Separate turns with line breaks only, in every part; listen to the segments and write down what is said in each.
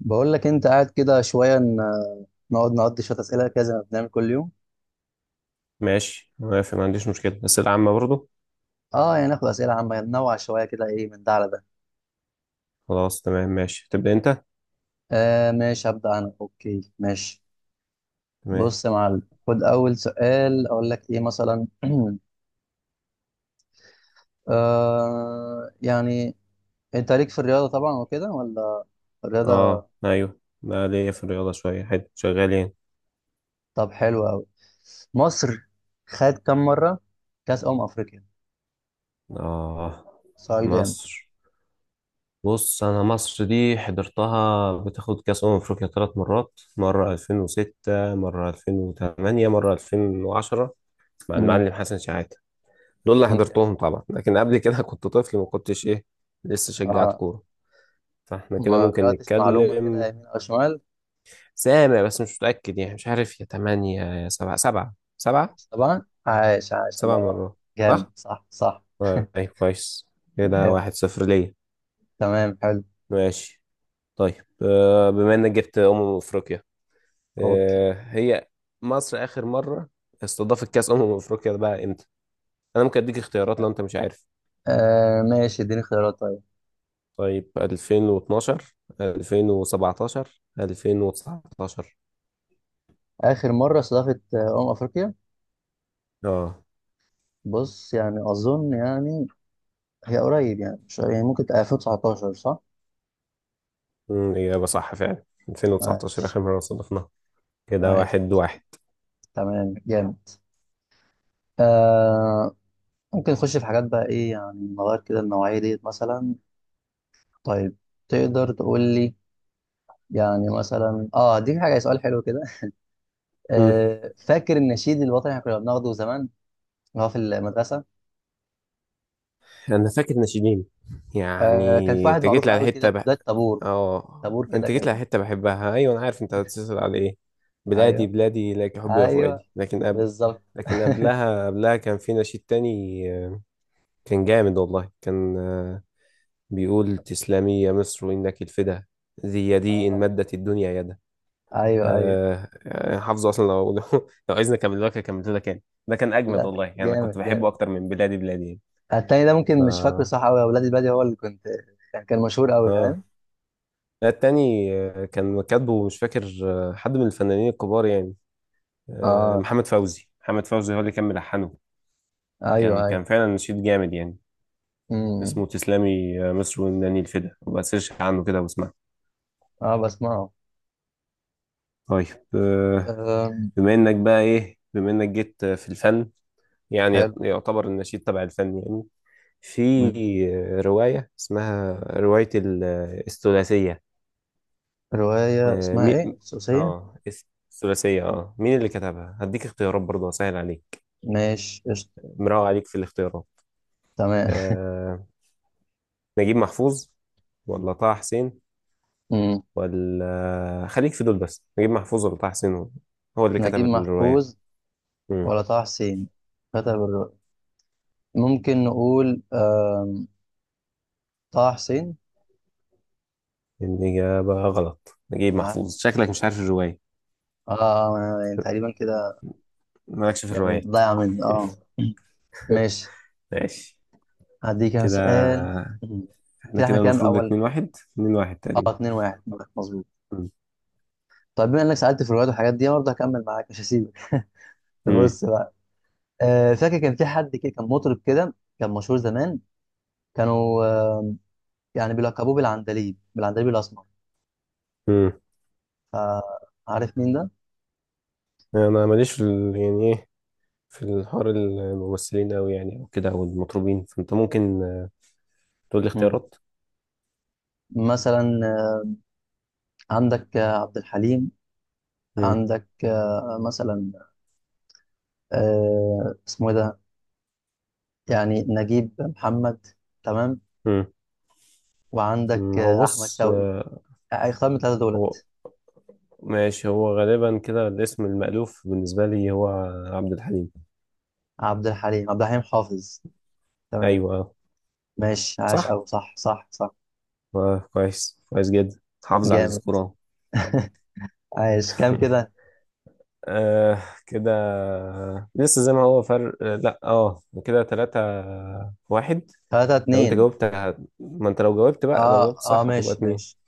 بقول لك انت قاعد كده شويه نقعد نقضي شويه اسئله كده زي ما بنعمل كل يوم.
ماشي، موافق، ما عنديش مشكلة. أسئلة عامة برضو
اه يعني ناخد اسئله عامه، ننوع شويه كده، ايه من ده على ده.
خلاص، تمام ماشي، تبدأ أنت.
ماشي هبدا انا، اوكي ماشي.
تمام.
بص يا معلم، خد اول سؤال اقول لك ايه مثلا. يعني انت ليك في الرياضه طبعا وكده ولا؟ الرياضه.
أيوه، بقى ليا في الرياضة شوية حلو شغالين.
طب حلو قوي. مصر خد كم مره كاس افريقيا؟
آه،
سؤال جامد.
مصر. بص، أنا مصر دي حضرتها بتاخد كأس أمم أفريقيا ثلاث مرات، مرة 2006 مرة 2008 مرة 2010، مع
مم.
المعلم حسن شحاتة. دول اللي
جامد.
حضرتهم طبعا، لكن قبل كده كنت طفل، ما كنتش إيه، لسه شجعت
اه،
كورة. فاحنا كده
ما
ممكن
قرأتش معلومه كده
نتكلم،
يمين او شمال.
سامع بس مش متأكد، يعني مش عارف، يا تمانية يا سبعة سبعة سبعة.
طبعا، عايش عايش، الله
سبع
ينور.
مرات
جامد،
صح؟
صح صح.
طيب كويس، كده
جامد.
واحد صفر ليا.
تمام حلو.
ماشي. طيب بما انك جبت أمم أفريقيا،
اوكي،
هي مصر آخر مرة استضافت كأس أمم أفريقيا ده بقى امتى؟ أنا ممكن أديك اختيارات لو أنت مش عارف.
ماشي اديني خيارات طيب.
طيب 2012 2017 2019.
اخر مره استضافت افريقيا؟
اه.
بص يعني اظن يعني هي قريب يعني مش يعني، ممكن تبقى 2019 صح؟
إجابة صح فعلا، 2019
عايش
آخر مرة استضفناها. كده
عايش
واحد
عايش.
واحد.
تمام جامد. آه ممكن نخش في حاجات بقى، ايه يعني نغير كده النوعيه ديت مثلا. طيب، تقدر تقول لي، يعني مثلا اه دي حاجه، سؤال حلو كده. آه، فاكر النشيد الوطني اللي احنا كنا بناخده زمان هو في المدرسه؟
انا فاكر ناشئين يعني.
آه، كان في واحد
انت جيت
معروف
لي على
قوي كده
حته
في
بح...
بدايه طابور.
اه
طابور كده
انت جيت لي
كان.
على حته بحبها، ايوه انا عارف انت هتتصل على ايه. بلادي
ايوه
بلادي لك حبي يا
ايوه،
فؤادي، لكن قبل،
بالظبط.
لكن قبلها كان في نشيد تاني. آه، كان جامد والله، كان بيقول تسلمي يا مصر انك الفدا، ذي يدي ان
آه.
مدت الدنيا يدا.
ايوه ايوه.
حافظه اصلا لو لو عايزني اكمل لك اكمل لك، يعني ده كان اجمد
لا
والله، يعني انا كنت
جامد
بحبه
جامد.
اكتر من بلادي بلادي يعني.
التاني ده
ف
ممكن مش فاكره صح قوي، اولاد البادي هو اللي كنت يعني كان مشهور قوي،
اه،
فاهم.
لا التاني كان كاتبه مش فاكر، حد من الفنانين الكبار يعني.
اه،
محمد فوزي هو اللي كان ملحنه. كان
ايوه ايوه.
كان فعلا نشيد جامد يعني.
امم.
اسمه تسلمي مصر وناني الفدا، وبقى سيرش عنه كده واسمع.
اه بسمعه.
طيب آه،
أم.
بما انك جيت في الفن، يعني
حلو.
يعتبر النشيد تبع الفن يعني. في
أمم.
رواية اسمها رواية ال- آه، الثلاثية.
روايه
آه،
اسمها
مي...
ايه، السوسيه؟
اه الثلاثية، اه مين اللي كتبها؟ هديك اختيارات برضه اسهل عليك،
ماشي قشطه.
مراوغ عليك في الاختيارات.
تمام.
آه، نجيب محفوظ ولا طه حسين،
أمم.
ولا خليك في دول بس، نجيب محفوظ ولا طه حسين هو اللي
نجيب
كتب الرواية؟
محفوظ
مم.
ولا طه حسين كتب الروايه؟ ممكن نقول طه حسين.
الإجابة غلط، نجيب
اه،
محفوظ. شكلك مش عارف الرواية،
آه، أنا يعني تقريبا كده،
مالكش في
يعني
الروايات.
ضايع مني اه. ماشي،
ماشي.
هديك انا
كده
سؤال. مم.
احنا
كده احنا كام
المفروض
الاول؟
اتنين واحد، اتنين واحد
اه،
تقريبا.
2 1. مظبوط.
مم.
طيب بما انك سالت في الروايات والحاجات دي برضه، هكمل معاك مش هسيبك.
مم.
بص بقى. آه فاكر كان في حد كده كان مطرب كده كان مشهور زمان، كانوا يعني بيلقبوه بالعندليب، بالعندليب الاسمر.
مم.
فعارف مين ده؟
انا ماليش في يعني ايه، في الحوار الممثلين اوي يعني، او كده او المطربين، فانت ممكن تقول لي
مم.
اختيارات.
مثلا عندك عبد الحليم،
مم.
عندك مثلا، اسمه ايه ده، يعني نجيب محمد، تمام،
مم.
وعندك
مم. هو
احمد
بص
شوقي. اختار من الثلاثه
هو
دولت.
ماشي، هو غالبا كده الاسم المألوف بالنسبة لي هو عبد الحليم.
عبد الحليم، عبد الحليم حافظ. تمام.
أيوة آه.
ماشي عاش،
صح،
او صح صح صح.
آه كويس كويس جدا، حافظ على
جامد،
السكور أهو.
عاش كام كده؟
آه كده، لسه زي ما هو، فرق آه، لا اه كده تلاتة واحد.
ثلاثة
لو انت
اتنين.
جاوبت ما انت لو جاوبت بقى، لو
اه
جاوبت
اه،
صح هتبقى
ماشي ماشي.
اتنين.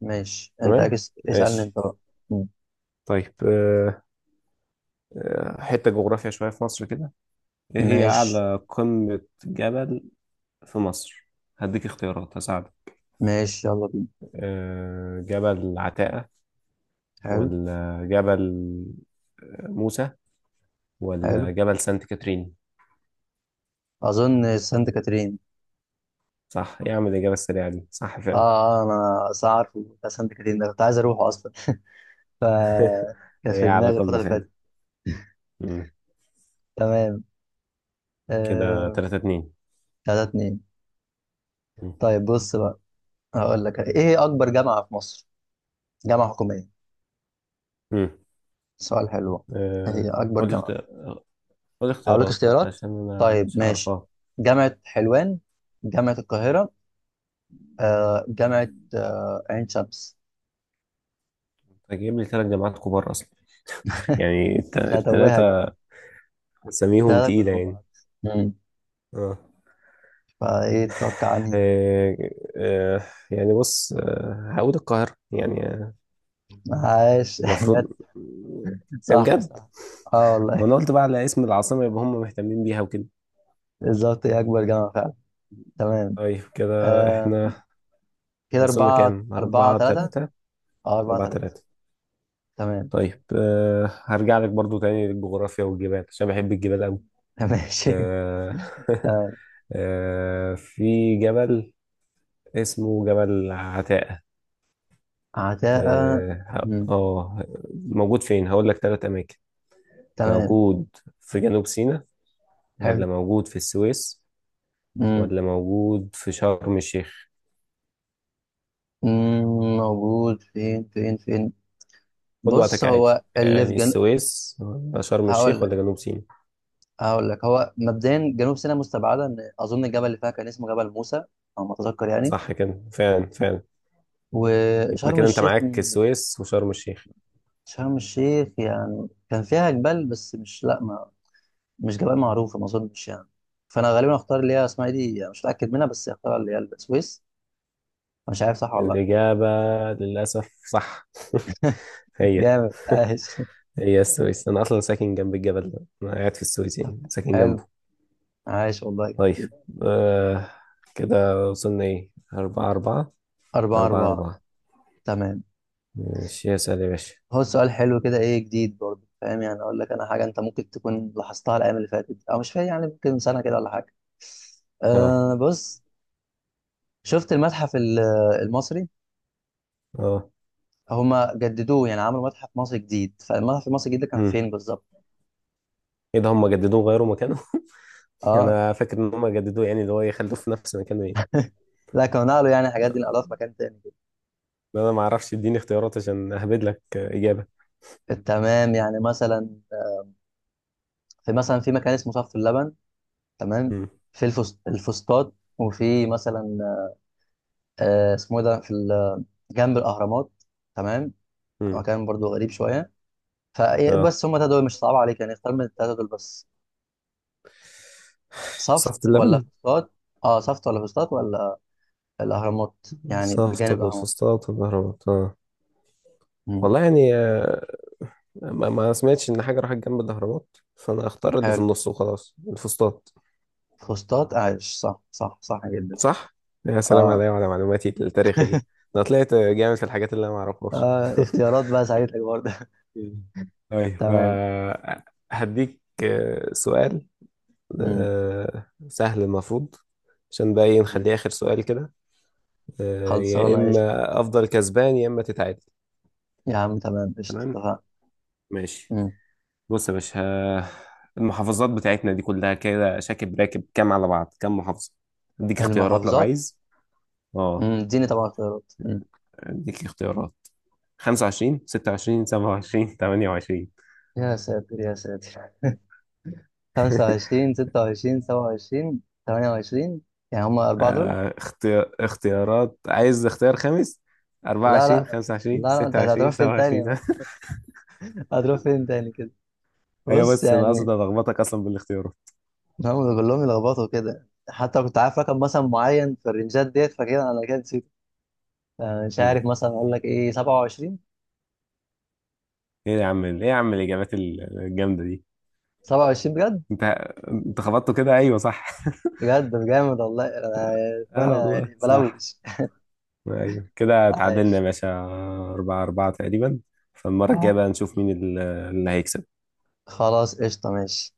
ماشي انت
تمام،
اكس، اسألني
ماشي.
انت بقى. مم.
طيب آه، حتة جغرافيا شوية في مصر كده. ايه هي
ماشي،
أعلى قمة جبل في مصر؟ هديك اختيارات هساعدك.
ماشي يلا بينا.
جبل عتاقة،
حلو.
ولا جبل موسى، ولا
حلو،
جبل سانت كاترين؟
اظن سانت كاترين.
صح، إيه يا عم الإجابة السريعة دي، صح
اه،
فعلا.
انا أصل عارفه بتاع سانت كاترين ده، كنت عايز اروحه اصلا. ف كان
هي
في
على
دماغي الفترة
قولنا
اللي
فعلا.
فاتت.
مم.
تمام.
كده
آه،
تلاتة اتنين.
تلاتة اتنين.
مم.
طيب بص بقى، هقول لك ايه هي اكبر جامعة في مصر، جامعة حكومية؟
مم.
سؤال حلو. ايه هي
آه،
اكبر
قول لي
جامعة؟
اختيار، قول لي
هقول لك
اختيارات
اختيارات.
عشان أنا
طيب
مش
ماشي،
هعرفها.
جامعة حلوان، جامعة القاهرة، جامعة، عين شمس.
أنت جايب لي تلات جامعات كبار أصلا، يعني
مش هتوهك بقى،
التلاتة أساميهم
تلاتة كنا
تقيلة
مع
يعني.
بعض. مم.
اه.
فايه تتوقع عني؟
آه، آه، يعني بص هقول القاهرة يعني،
عاش. جت
المفروض.
صح
بجد،
صح. اه
ما
والله.
انا قلت بقى على اسم العاصمة، يبقى هم مهتمين بيها وكده.
بالظبط، هي اكبر جامعة فعلا. تمام.
طيب كده
آم،
احنا
كده
وصلنا
أربعة
كام؟
أربعة
أربعة
تلاتة.
تلاتة.
اه، أربعة
أربعة
تلاتة.
تلاتة.
تمام.
طيب أه، هرجع لك برضو تاني للجغرافيا والجبال عشان بحب الجبال أوي.
ماشي.
أه.
آه،
أه، في جبل اسمه جبل عتاقة،
عداء.
اه
مم.
موجود فين؟ هقول لك تلات أماكن.
تمام،
موجود في جنوب سيناء،
حلو.
ولا موجود في السويس،
مم.
ولا موجود في شرم الشيخ؟
مم، موجود فين فين فين؟
خد
بص،
وقتك
هو
عادي،
اللي في
يعني
جنوب.
السويس ولا شرم
هقول
الشيخ
لك،
ولا جنوب سيناء.
هقول لك، هو مبدئيا جنوب سيناء مستبعده، ان اظن الجبل اللي فيها كان اسمه جبل موسى، او ما اتذكر يعني.
صح كده فعلا فعلا. يبقى
وشرم
كده انت
الشيخ
معاك
مم.
السويس وشرم الشيخ.
شرم الشيخ يعني كان فيها جبال، بس مش لا ما مش جبال معروفه، ما اظنش يعني. فانا غالبا اختار اللي هي اسمها إيه دي، يعني مش متاكد منها، بس اختار اللي هي السويس. مش عارف صح ولا لا.
الإجابة للأسف صح. هي
جامد عايش.
هي السويس، أنا أصلا ساكن جنب الجبل ده، أنا قاعد في السويس يعني، ساكن
حلو.
جنبه.
عايش والله،
طيب
جامد.
آه، كده وصلنا إيه، أربعة أربعة.
أربعة
أربعة
أربعة.
أربعة.
تمام.
ماشي اسأل يا باشا.
هو سؤال حلو كده، إيه جديد برضه، فاهم يعني أقول لك أنا حاجة أنت ممكن تكون لاحظتها الأيام اللي فاتت، أو مش فاهم يعني ممكن من سنة كده ولا حاجة.
أه.
أه بص، شفت المصري؟
أه.
هما جددوه يعني عملوا متحف مصري جديد، فالمتحف المصري الجديد ده كان
مم.
فين بالظبط؟
إيه ده هم جددوه غيروا مكانه؟
أه
أنا فاكر إن هم جددوه يعني، اللي هو يخلوه في نفس مكانه إيه.
لا، كانوا نقلوا يعني الحاجات دي، نقلوها في مكان تاني كده.
لا انا ما اعرفش، اديني اختيارات عشان اهبد لك اجابه.
تمام يعني مثلا، في مثلا في مكان اسمه صف اللبن، تمام،
امم.
في الفسطاط، وفي مثلا اسمه إيه ده، جنب الأهرامات. تمام. هو
امم.
كان برضو غريب شويه،
اه،
فبس هما التلاتة دول مش صعب عليك يعني، اختار من التلاتة دول بس. صفت
صفت
ولا
اللبن،
فسطاط؟ اه صفت ولا فسطاط ولا الاهرامات، يعني
صفت
بجانب
ولا
الاهرامات.
الفسطاط ولا الاهرامات؟ اه
مم.
والله يعني ما سمعتش ان حاجه راحت جنب الاهرامات، فانا اختار اللي في
حلو.
النص وخلاص، الفسطاط.
فسطاط، عايش صح صح صح جدا.
صح، يا سلام
اه.
عليا وعلى معلوماتي التاريخيه، انا طلعت جامد في الحاجات اللي انا ما اعرفهاش.
آه، اختيارات بقى ساعدتك برضه.
مم. طيب
تمام.
هديك سؤال
مم.
سهل المفروض، عشان بقى إيه،
مم.
نخليه اخر سؤال كده. يا
خلصانه قشطه.
اما افضل كسبان يا اما تتعادل.
يا عم تمام قشطه،
تمام،
اتفقنا.
ماشي.
مم.
بص يا باشا المحافظات بتاعتنا دي كلها كده شاكب راكب كام على بعض، كام محافظة؟ اديك اختيارات لو
المحافظات؟
عايز.
مم،
اه
اديني طبعا اختيارات. مم.
اديك اختيارات: 25 26 27 28.
يا ساتر يا ساتر. 25 26 27 28، يعني هما أربعة دول.
اختيارات، عايز اختيار خامس،
لا
24
لا، لا
25
لا، انت هتروح
26
فين تاني
27.
بقى؟ هتروح فين تاني كده.
هي
بص
بس انا اقصد
يعني،
الخبطك اصلا بالاختيارات.
هم كلهم يلخبطوا كده، حتى كنت عارف رقم مثلا معين في الرنجات ديت، فكده انا كده نسيت. أنا مش
مم.
عارف، مثلا اقول لك ايه، 27.
ايه يا عم، ايه يا عم الاجابات الجامده دي،
27 بجد؟
انت انت خبطته كده، ايوه صح.
بجد جامد والله. انا
اه
أنا
والله
يعني
صح،
بلوش.
ايوه كده اتعادلنا يا
عايش.
باشا، أربعة أربعة تقريبا. فالمرة الجاية
آه.
بقى نشوف مين اللي هيكسب.
خلاص قشطه، ماشي.